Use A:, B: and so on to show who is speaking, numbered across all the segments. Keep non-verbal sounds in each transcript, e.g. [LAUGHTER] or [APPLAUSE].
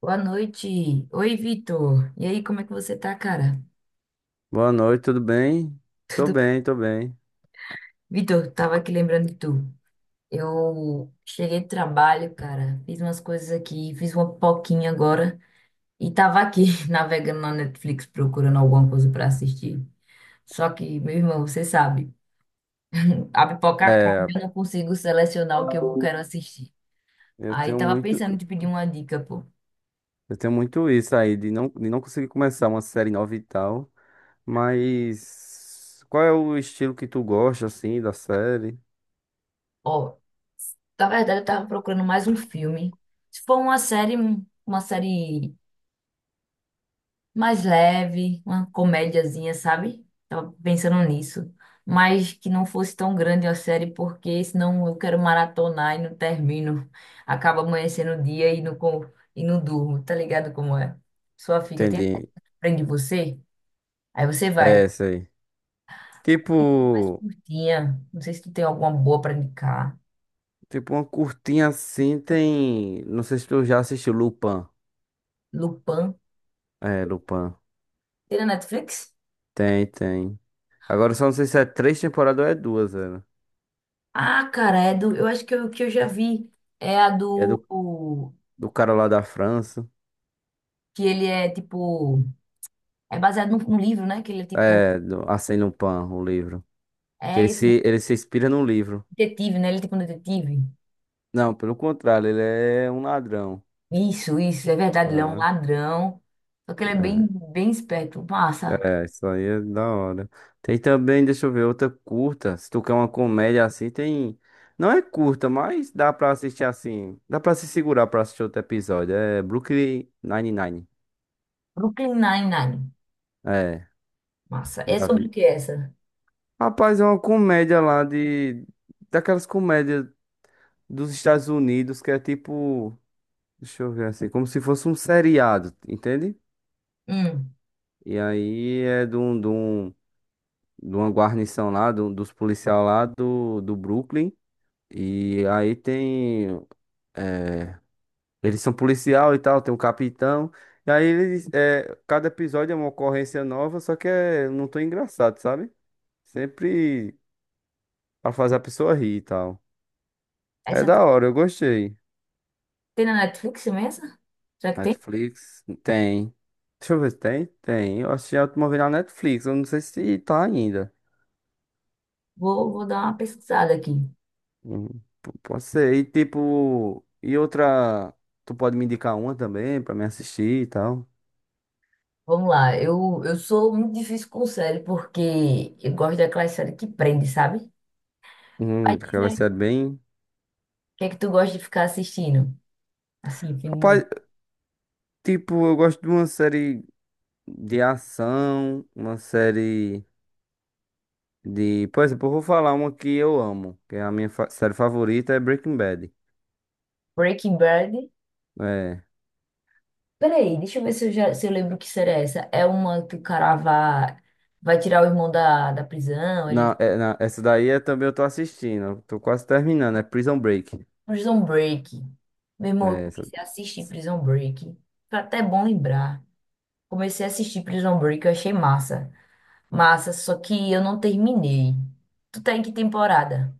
A: Boa noite. Oi, Vitor. E aí, como é que você tá, cara?
B: Boa noite, tudo bem?
A: [LAUGHS]
B: Tô
A: Tudo...
B: bem, tô bem.
A: Vitor, tava aqui lembrando de tu. Eu cheguei do trabalho, cara. Fiz umas coisas aqui, fiz uma poquinha agora e tava aqui [LAUGHS] navegando na Netflix procurando alguma coisa pra assistir. Só que, meu irmão, você sabe, [LAUGHS] a pipoca acaba,
B: É,
A: e eu não consigo selecionar o que eu quero assistir.
B: eu
A: Aí
B: tenho
A: tava
B: muito,
A: pensando em te pedir uma dica, pô.
B: eu tenho muito isso aí de não conseguir começar uma série nova e tal, mas qual é o estilo que tu gosta assim da série?
A: Ó, na verdade eu tava procurando mais um filme. Se for uma série mais leve, uma comédiazinha, sabe? Tava pensando nisso. Mas que não fosse tão grande a série, porque senão eu quero maratonar e não termino. Acaba amanhecendo o dia e e não durmo, tá ligado como é? Sua fica, tem
B: Entendi.
A: aprende você? Aí você vai.
B: É essa aí.
A: Mais
B: Tipo,
A: curtinha. Não sei se tu tem alguma boa pra indicar.
B: tipo, uma curtinha assim tem, não sei se tu já assistiu Lupin.
A: Lupin.
B: É, Lupin.
A: Tem na Netflix?
B: Tem, tem. Agora eu só não sei se é três temporadas ou é duas, velho.
A: Ah, cara, é do. Eu acho que eu já vi. É a
B: É
A: do.
B: do, do cara lá da França.
A: Que ele é tipo. É baseado num livro, né? Que ele é tipo.
B: É, do Arsène Lupin, o livro. Que
A: É
B: ele
A: esse mesmo,
B: se, ele se inspira num livro.
A: detetive, né? Ele é tipo um detetive.
B: Não, pelo contrário, ele é um ladrão.
A: Isso, é verdade. Ele é um ladrão. Só que ele é bem,
B: É,
A: bem esperto. Massa.
B: é, é, isso aí é da hora. Tem também, deixa eu ver, outra curta. Se tu quer uma comédia assim, tem. Não é curta, mas dá pra assistir assim. Dá pra se segurar pra assistir outro episódio. É Brooklyn Nine-Nine.
A: Brooklyn Nine-Nine.
B: É,
A: Massa. É
B: já
A: sobre o
B: vi.
A: que essa?
B: Rapaz, é uma comédia lá de. Daquelas comédias dos Estados Unidos que é tipo. Deixa eu ver assim, como se fosse um seriado, entende?
A: Hum.
B: E aí é de uma guarnição lá, dos policiais lá do Brooklyn. E aí tem. eh, Eles são policial e tal, tem um capitão. E aí eles. Cada episódio é uma ocorrência nova, só que é, não tão engraçado, sabe? Sempre pra fazer a pessoa rir e tal. É
A: Essa tem,
B: da hora, eu gostei.
A: tem na Netflix mesmo? Essa? Será que tem?
B: Netflix? Tem. Deixa eu ver se tem. Tem. Eu assisti a última vez na Netflix. Eu não sei se tá ainda.
A: Vou dar uma pesquisada aqui.
B: Hum, Pode ser. E tipo, e outra, tu pode me indicar uma também pra me assistir e tal.
A: Vamos lá. Eu sou muito difícil com série, porque eu gosto daquela série que prende, sabe? Mas diz
B: Aquela
A: aí,
B: série
A: o
B: bem.
A: que é que tu gosta de ficar assistindo? Assim, fim de
B: Rapaz,
A: noite.
B: tipo, eu gosto de uma série de ação, uma série de. Por exemplo, eu vou falar uma que eu amo, que é a minha série favorita é Breaking Bad.
A: Breaking Bad.
B: É.
A: Peraí, deixa eu ver se eu lembro que será essa. É uma que o cara vai, vai tirar o irmão da prisão, ele...
B: Essa daí é também eu tô assistindo, eu tô quase terminando, é Prison Break.
A: Prison Break. Meu irmão, eu
B: É,
A: comecei a assistir Prison Break. Foi até bom lembrar. Comecei a assistir Prison Break, eu achei massa. Massa, só que eu não terminei. Tu tá em que temporada?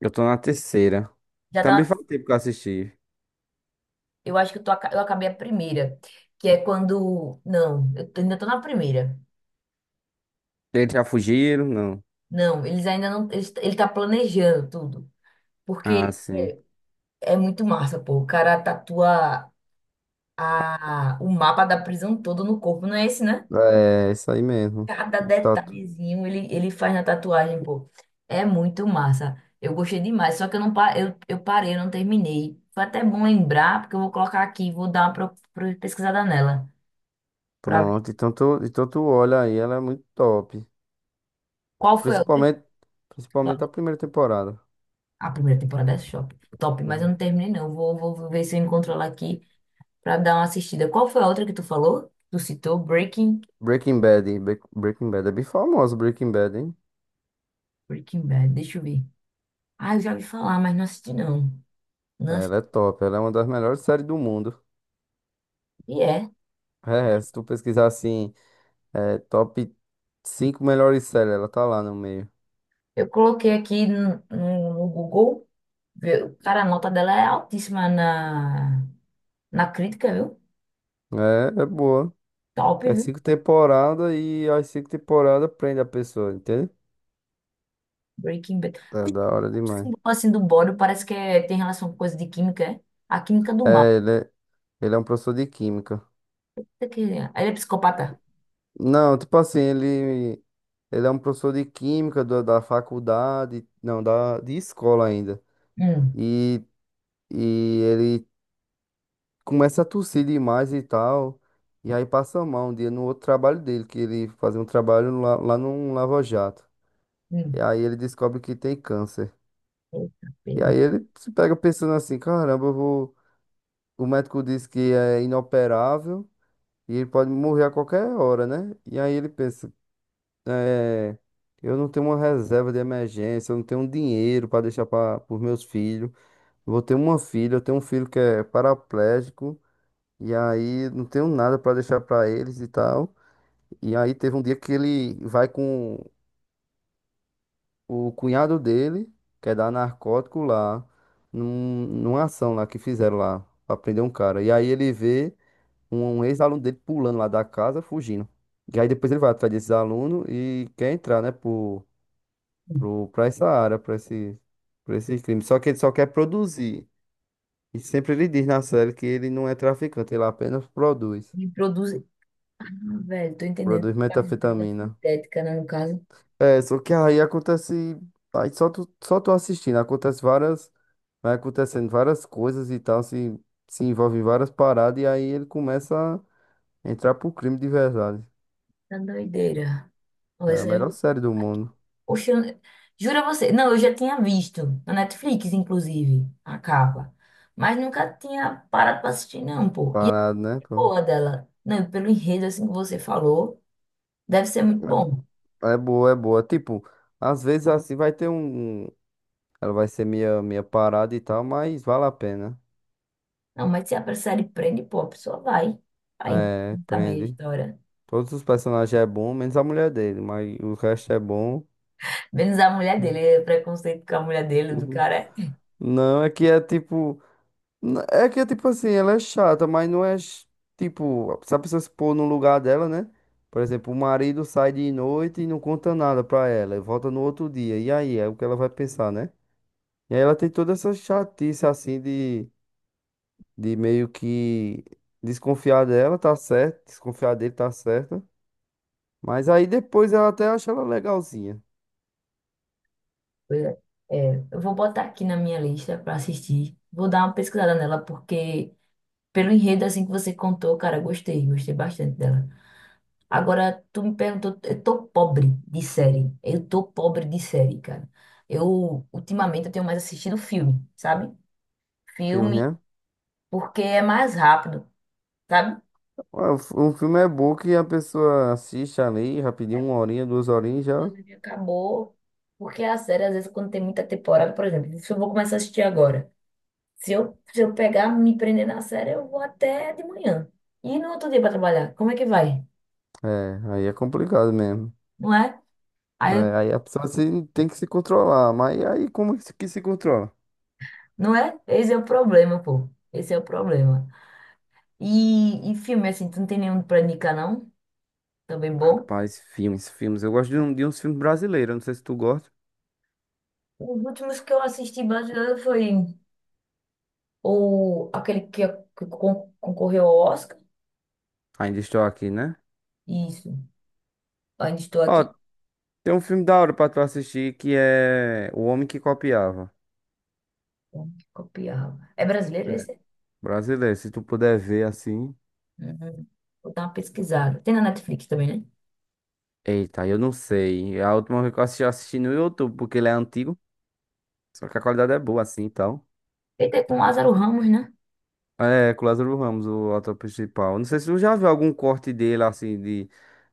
B: eu tô na terceira.
A: Já
B: Também
A: tá...
B: faz tempo que eu assisti.
A: Eu acho que eu, tô, eu acabei a primeira, que é quando... Não, eu ainda tô na primeira.
B: Eles já fugiram? Não.
A: Não, eles ainda não... Eles, ele tá planejando tudo,
B: Ah,
A: porque
B: sim.
A: é muito massa, pô. O cara tatua a, o mapa da prisão todo no corpo, não é esse, né?
B: É, isso aí mesmo.
A: Cada
B: Tá tu-
A: detalhezinho ele faz na tatuagem, pô. É muito massa. Eu gostei demais, só que eu não eu parei, eu não terminei. Foi até bom lembrar, porque eu vou colocar aqui, vou dar uma pesquisada nela, pra ver
B: pronto. Então tu olha aí, ela é muito top.
A: qual foi a outra que
B: Principalmente,
A: tu
B: principalmente, a
A: falou.
B: primeira temporada.
A: A primeira temporada é shop, top, mas eu
B: Uhum.
A: não terminei, não. Vou ver se eu encontro ela aqui pra dar uma assistida. Qual foi a outra que tu falou? Tu citou Breaking,
B: Breaking Bad, hein? Breaking Bad. É bem famoso Breaking Bad, hein?
A: Breaking Bad, deixa eu ver. Ah, eu já ouvi falar, mas não assisti não. Não
B: É,
A: assisti,
B: ela é top, ela é uma das melhores séries do mundo.
A: é.
B: É, é, se tu pesquisar assim, é, top 5 melhores séries, ela tá lá no meio.
A: Eu coloquei aqui no Google, viu? Cara, a nota dela é altíssima na crítica, viu?
B: É, é boa.
A: Top,
B: É
A: viu?
B: cinco temporadas e as cinco temporadas prende a pessoa, entende?
A: Breaking Bad.
B: É
A: O
B: da hora demais.
A: símbolo assim do bódio parece que tem relação com coisa de química, é? A química do mal.
B: É, ele é um professor de química.
A: Ele é psicopata.
B: Não, tipo assim, ele é um professor de química do da faculdade, não, da, de escola ainda.
A: Hum,
B: E, e ele começa a tossir demais e tal. E aí passa mal um dia no outro trabalho dele, que ele fazia um trabalho lá num lava-jato. E
A: hum.
B: aí ele descobre que tem câncer.
A: Eita,
B: E
A: pega.
B: aí ele se pega pensando assim, caramba, eu vou... O médico disse que é inoperável e ele pode morrer a qualquer hora, né? E aí ele pensa. É, eu não tenho uma reserva de emergência, eu não tenho um dinheiro para deixar para os meus filhos. Eu vou ter uma filha, eu tenho um filho que é paraplégico, e aí não tenho nada para deixar para eles e tal. E aí teve um dia que ele vai com o cunhado dele, que é dar narcótico lá, numa ação lá que fizeram lá, para prender um cara. E aí ele vê um ex-aluno dele pulando lá da casa, fugindo. E aí depois ele vai atrás desses alunos e quer entrar, né, por
A: Hum.
B: pro, pra essa área, pra esses crimes. Só que ele só quer produzir. E sempre ele diz na série que ele não é traficante, ele apenas produz.
A: Ele produz... Ah, velho, tô entendendo.
B: Produz
A: Faz droga
B: metanfetamina.
A: sintética, né, no caso.
B: É, só que aí acontece. Aí só tu assistindo, acontece várias. Vai acontecendo várias coisas e tal, se envolve em várias paradas, e aí ele começa a entrar pro crime de verdade.
A: Tá doideira. Olha,
B: É a
A: essa
B: melhor
A: eu...
B: série do mundo.
A: Oxe, eu... jura você? Não, eu já tinha visto na Netflix, inclusive, a capa. Mas nunca tinha parado pra assistir, não, pô. E é
B: Parado, né? Pô?
A: boa dela. Não, e pelo enredo, assim que você falou, deve ser muito bom.
B: É é boa, é boa. Tipo, às vezes assim vai ter um, ela vai ser meia parada e tal, mas vale a pena.
A: Não, mas se a série prende, pô, a pessoa vai. Vai
B: É,
A: saber a
B: prende.
A: história.
B: Todos os personagens é bom, menos a mulher dele, mas o resto é bom.
A: Menos a mulher dele, é preconceito com a mulher dele, do
B: Uhum.
A: cara.
B: Não, é que é tipo. É que é tipo assim, ela é chata, mas não é tipo. Se a pessoa se pôr no lugar dela, né? Por exemplo, o marido sai de noite e não conta nada pra ela, e volta no outro dia. E aí? É o que ela vai pensar, né? E aí ela tem toda essa chatice assim de. Meio que desconfiar dela, tá certo, desconfiar dele, tá certo. Mas aí depois ela até acha ela legalzinha.
A: Pois é. [LAUGHS] É, eu vou botar aqui na minha lista pra assistir. Vou dar uma pesquisada nela, porque pelo enredo, assim que você contou, cara, gostei, gostei bastante dela. Agora, tu me perguntou, eu tô pobre de série. Eu tô pobre de série, cara. Eu, ultimamente, eu tenho mais assistido filme, sabe?
B: Filme,
A: Filme,
B: né?
A: porque é mais rápido, sabe?
B: Ué, um filme é bom que a pessoa assiste ali rapidinho, uma horinha, duas horinhas
A: O
B: já.
A: anime acabou, porque a série, às vezes, quando tem muita temporada, por exemplo, se eu vou começar a assistir agora, se eu pegar, me prender na série, eu vou até de manhã. E no outro dia pra trabalhar, como é que vai?
B: É, aí é complicado mesmo.
A: Não é? Aí,
B: É,
A: eu...
B: aí a pessoa tem que se controlar. Mas aí como que se controla?
A: não é? Esse é o problema, pô. Esse é o problema. E filme, assim, tu não tem nenhum pra indicar, não? Também bom.
B: Rapaz, filmes, filmes. Eu gosto de uns filmes brasileiros, não sei se tu gosta.
A: Os últimos que eu assisti brasileiro foi ou aquele que concorreu ao Oscar.
B: Ainda estou aqui, né?
A: Isso. Ainda estou
B: Ó,
A: aqui.
B: tem um filme da hora pra tu assistir que é O Homem que Copiava.
A: Copiava. É brasileiro esse?
B: Brasileiro, se tu puder ver assim.
A: Uhum. Vou dar uma pesquisada. Tem na Netflix também, né?
B: Eita, eu não sei. A última vez que eu assisti no YouTube, porque ele é antigo. Só que a qualidade é boa assim e tal.
A: Ele tem com o Lázaro Ramos, né?
B: É, com o Lázaro Ramos, o ator principal. Não sei se tu já viu algum corte dele, assim, de,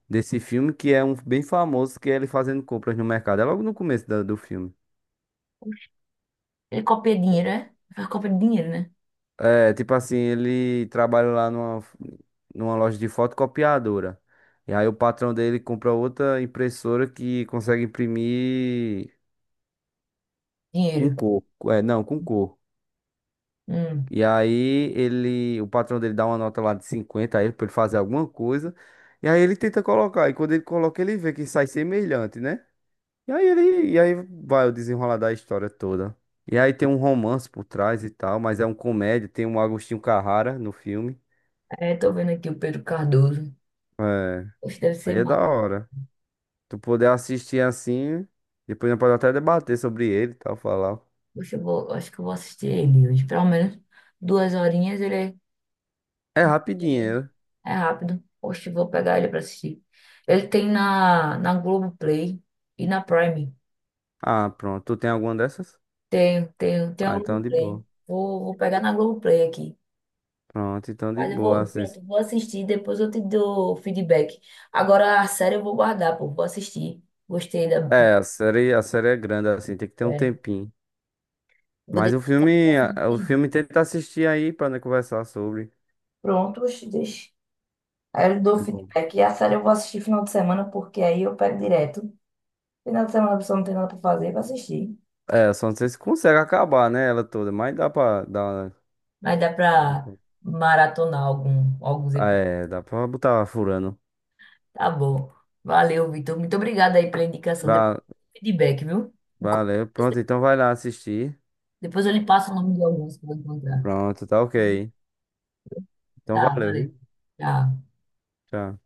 B: desse filme, que é um bem famoso, que é ele fazendo compras no mercado. É logo no começo do filme.
A: Ele copia dinheiro, é? Faz cópia de dinheiro, né?
B: É, tipo assim, ele trabalha lá numa loja de fotocopiadora. E aí o patrão dele compra outra impressora que consegue imprimir com
A: Dinheiro.
B: cor. É, não, com cor.
A: Hum.
B: E aí ele, o patrão dele dá uma nota lá de 50 a ele pra ele fazer alguma coisa. E aí ele tenta colocar. E quando ele coloca, ele vê que sai semelhante, né? E aí vai o desenrolar da história toda. E aí tem um romance por trás e tal, mas é um comédia, tem um Agostinho Carrara no filme.
A: É, tô vendo aqui o Pedro Cardoso.
B: É,
A: Poxa, deve
B: aí
A: ser
B: é da
A: massa.
B: hora. Tu poder assistir assim, depois nós pode até debater sobre ele e tal, falar.
A: Poxa, eu vou, eu acho que eu vou assistir ele hoje. Pelo menos duas horinhas ele é.
B: É
A: Beleza.
B: rapidinho, né?
A: É rápido. Poxa, vou pegar ele pra assistir. Ele tem na Globoplay e na Prime.
B: Ah, pronto. Tu tem alguma dessas?
A: Tem, tem, tem a
B: Ah, então de boa.
A: Globoplay. Vou pegar na Globoplay aqui.
B: Pronto, então de
A: Mas eu
B: boa.
A: vou,
B: Assim,
A: pronto, vou assistir, depois eu te dou feedback. Agora a série eu vou guardar, pô, vou assistir. Gostei da
B: é, a série é grande, assim, tem que ter um
A: série.
B: tempinho.
A: Vou
B: Mas
A: deixar
B: o
A: pra final
B: filme, a- o
A: semana.
B: filme tenta assistir aí pra, né, conversar sobre.
A: Pronto, oxe, deixa. Aí eu dou
B: É bom.
A: feedback. E a série eu vou assistir final de semana, porque aí eu pego direto. Final de semana a pessoa não tem nada pra fazer, vou assistir.
B: É, só não sei se consegue acabar, né, ela toda, mas dá pra, dar,
A: Mas dá
B: não,
A: pra
B: não.
A: maratonar algum, alguns episódios.
B: É, dá pra botar furando.
A: Tá bom. Valeu, Vitor. Muito obrigada aí pela indicação. Depois
B: Va-
A: eu dou feedback, viu?
B: Valeu, pronto, então vai lá assistir.
A: Depois eu lhe passo o nome de alguns que eu vou encontrar.
B: Pronto, tá ok. Então
A: Tá,
B: valeu,
A: valeu.
B: viu?
A: Tchau.
B: Tchau.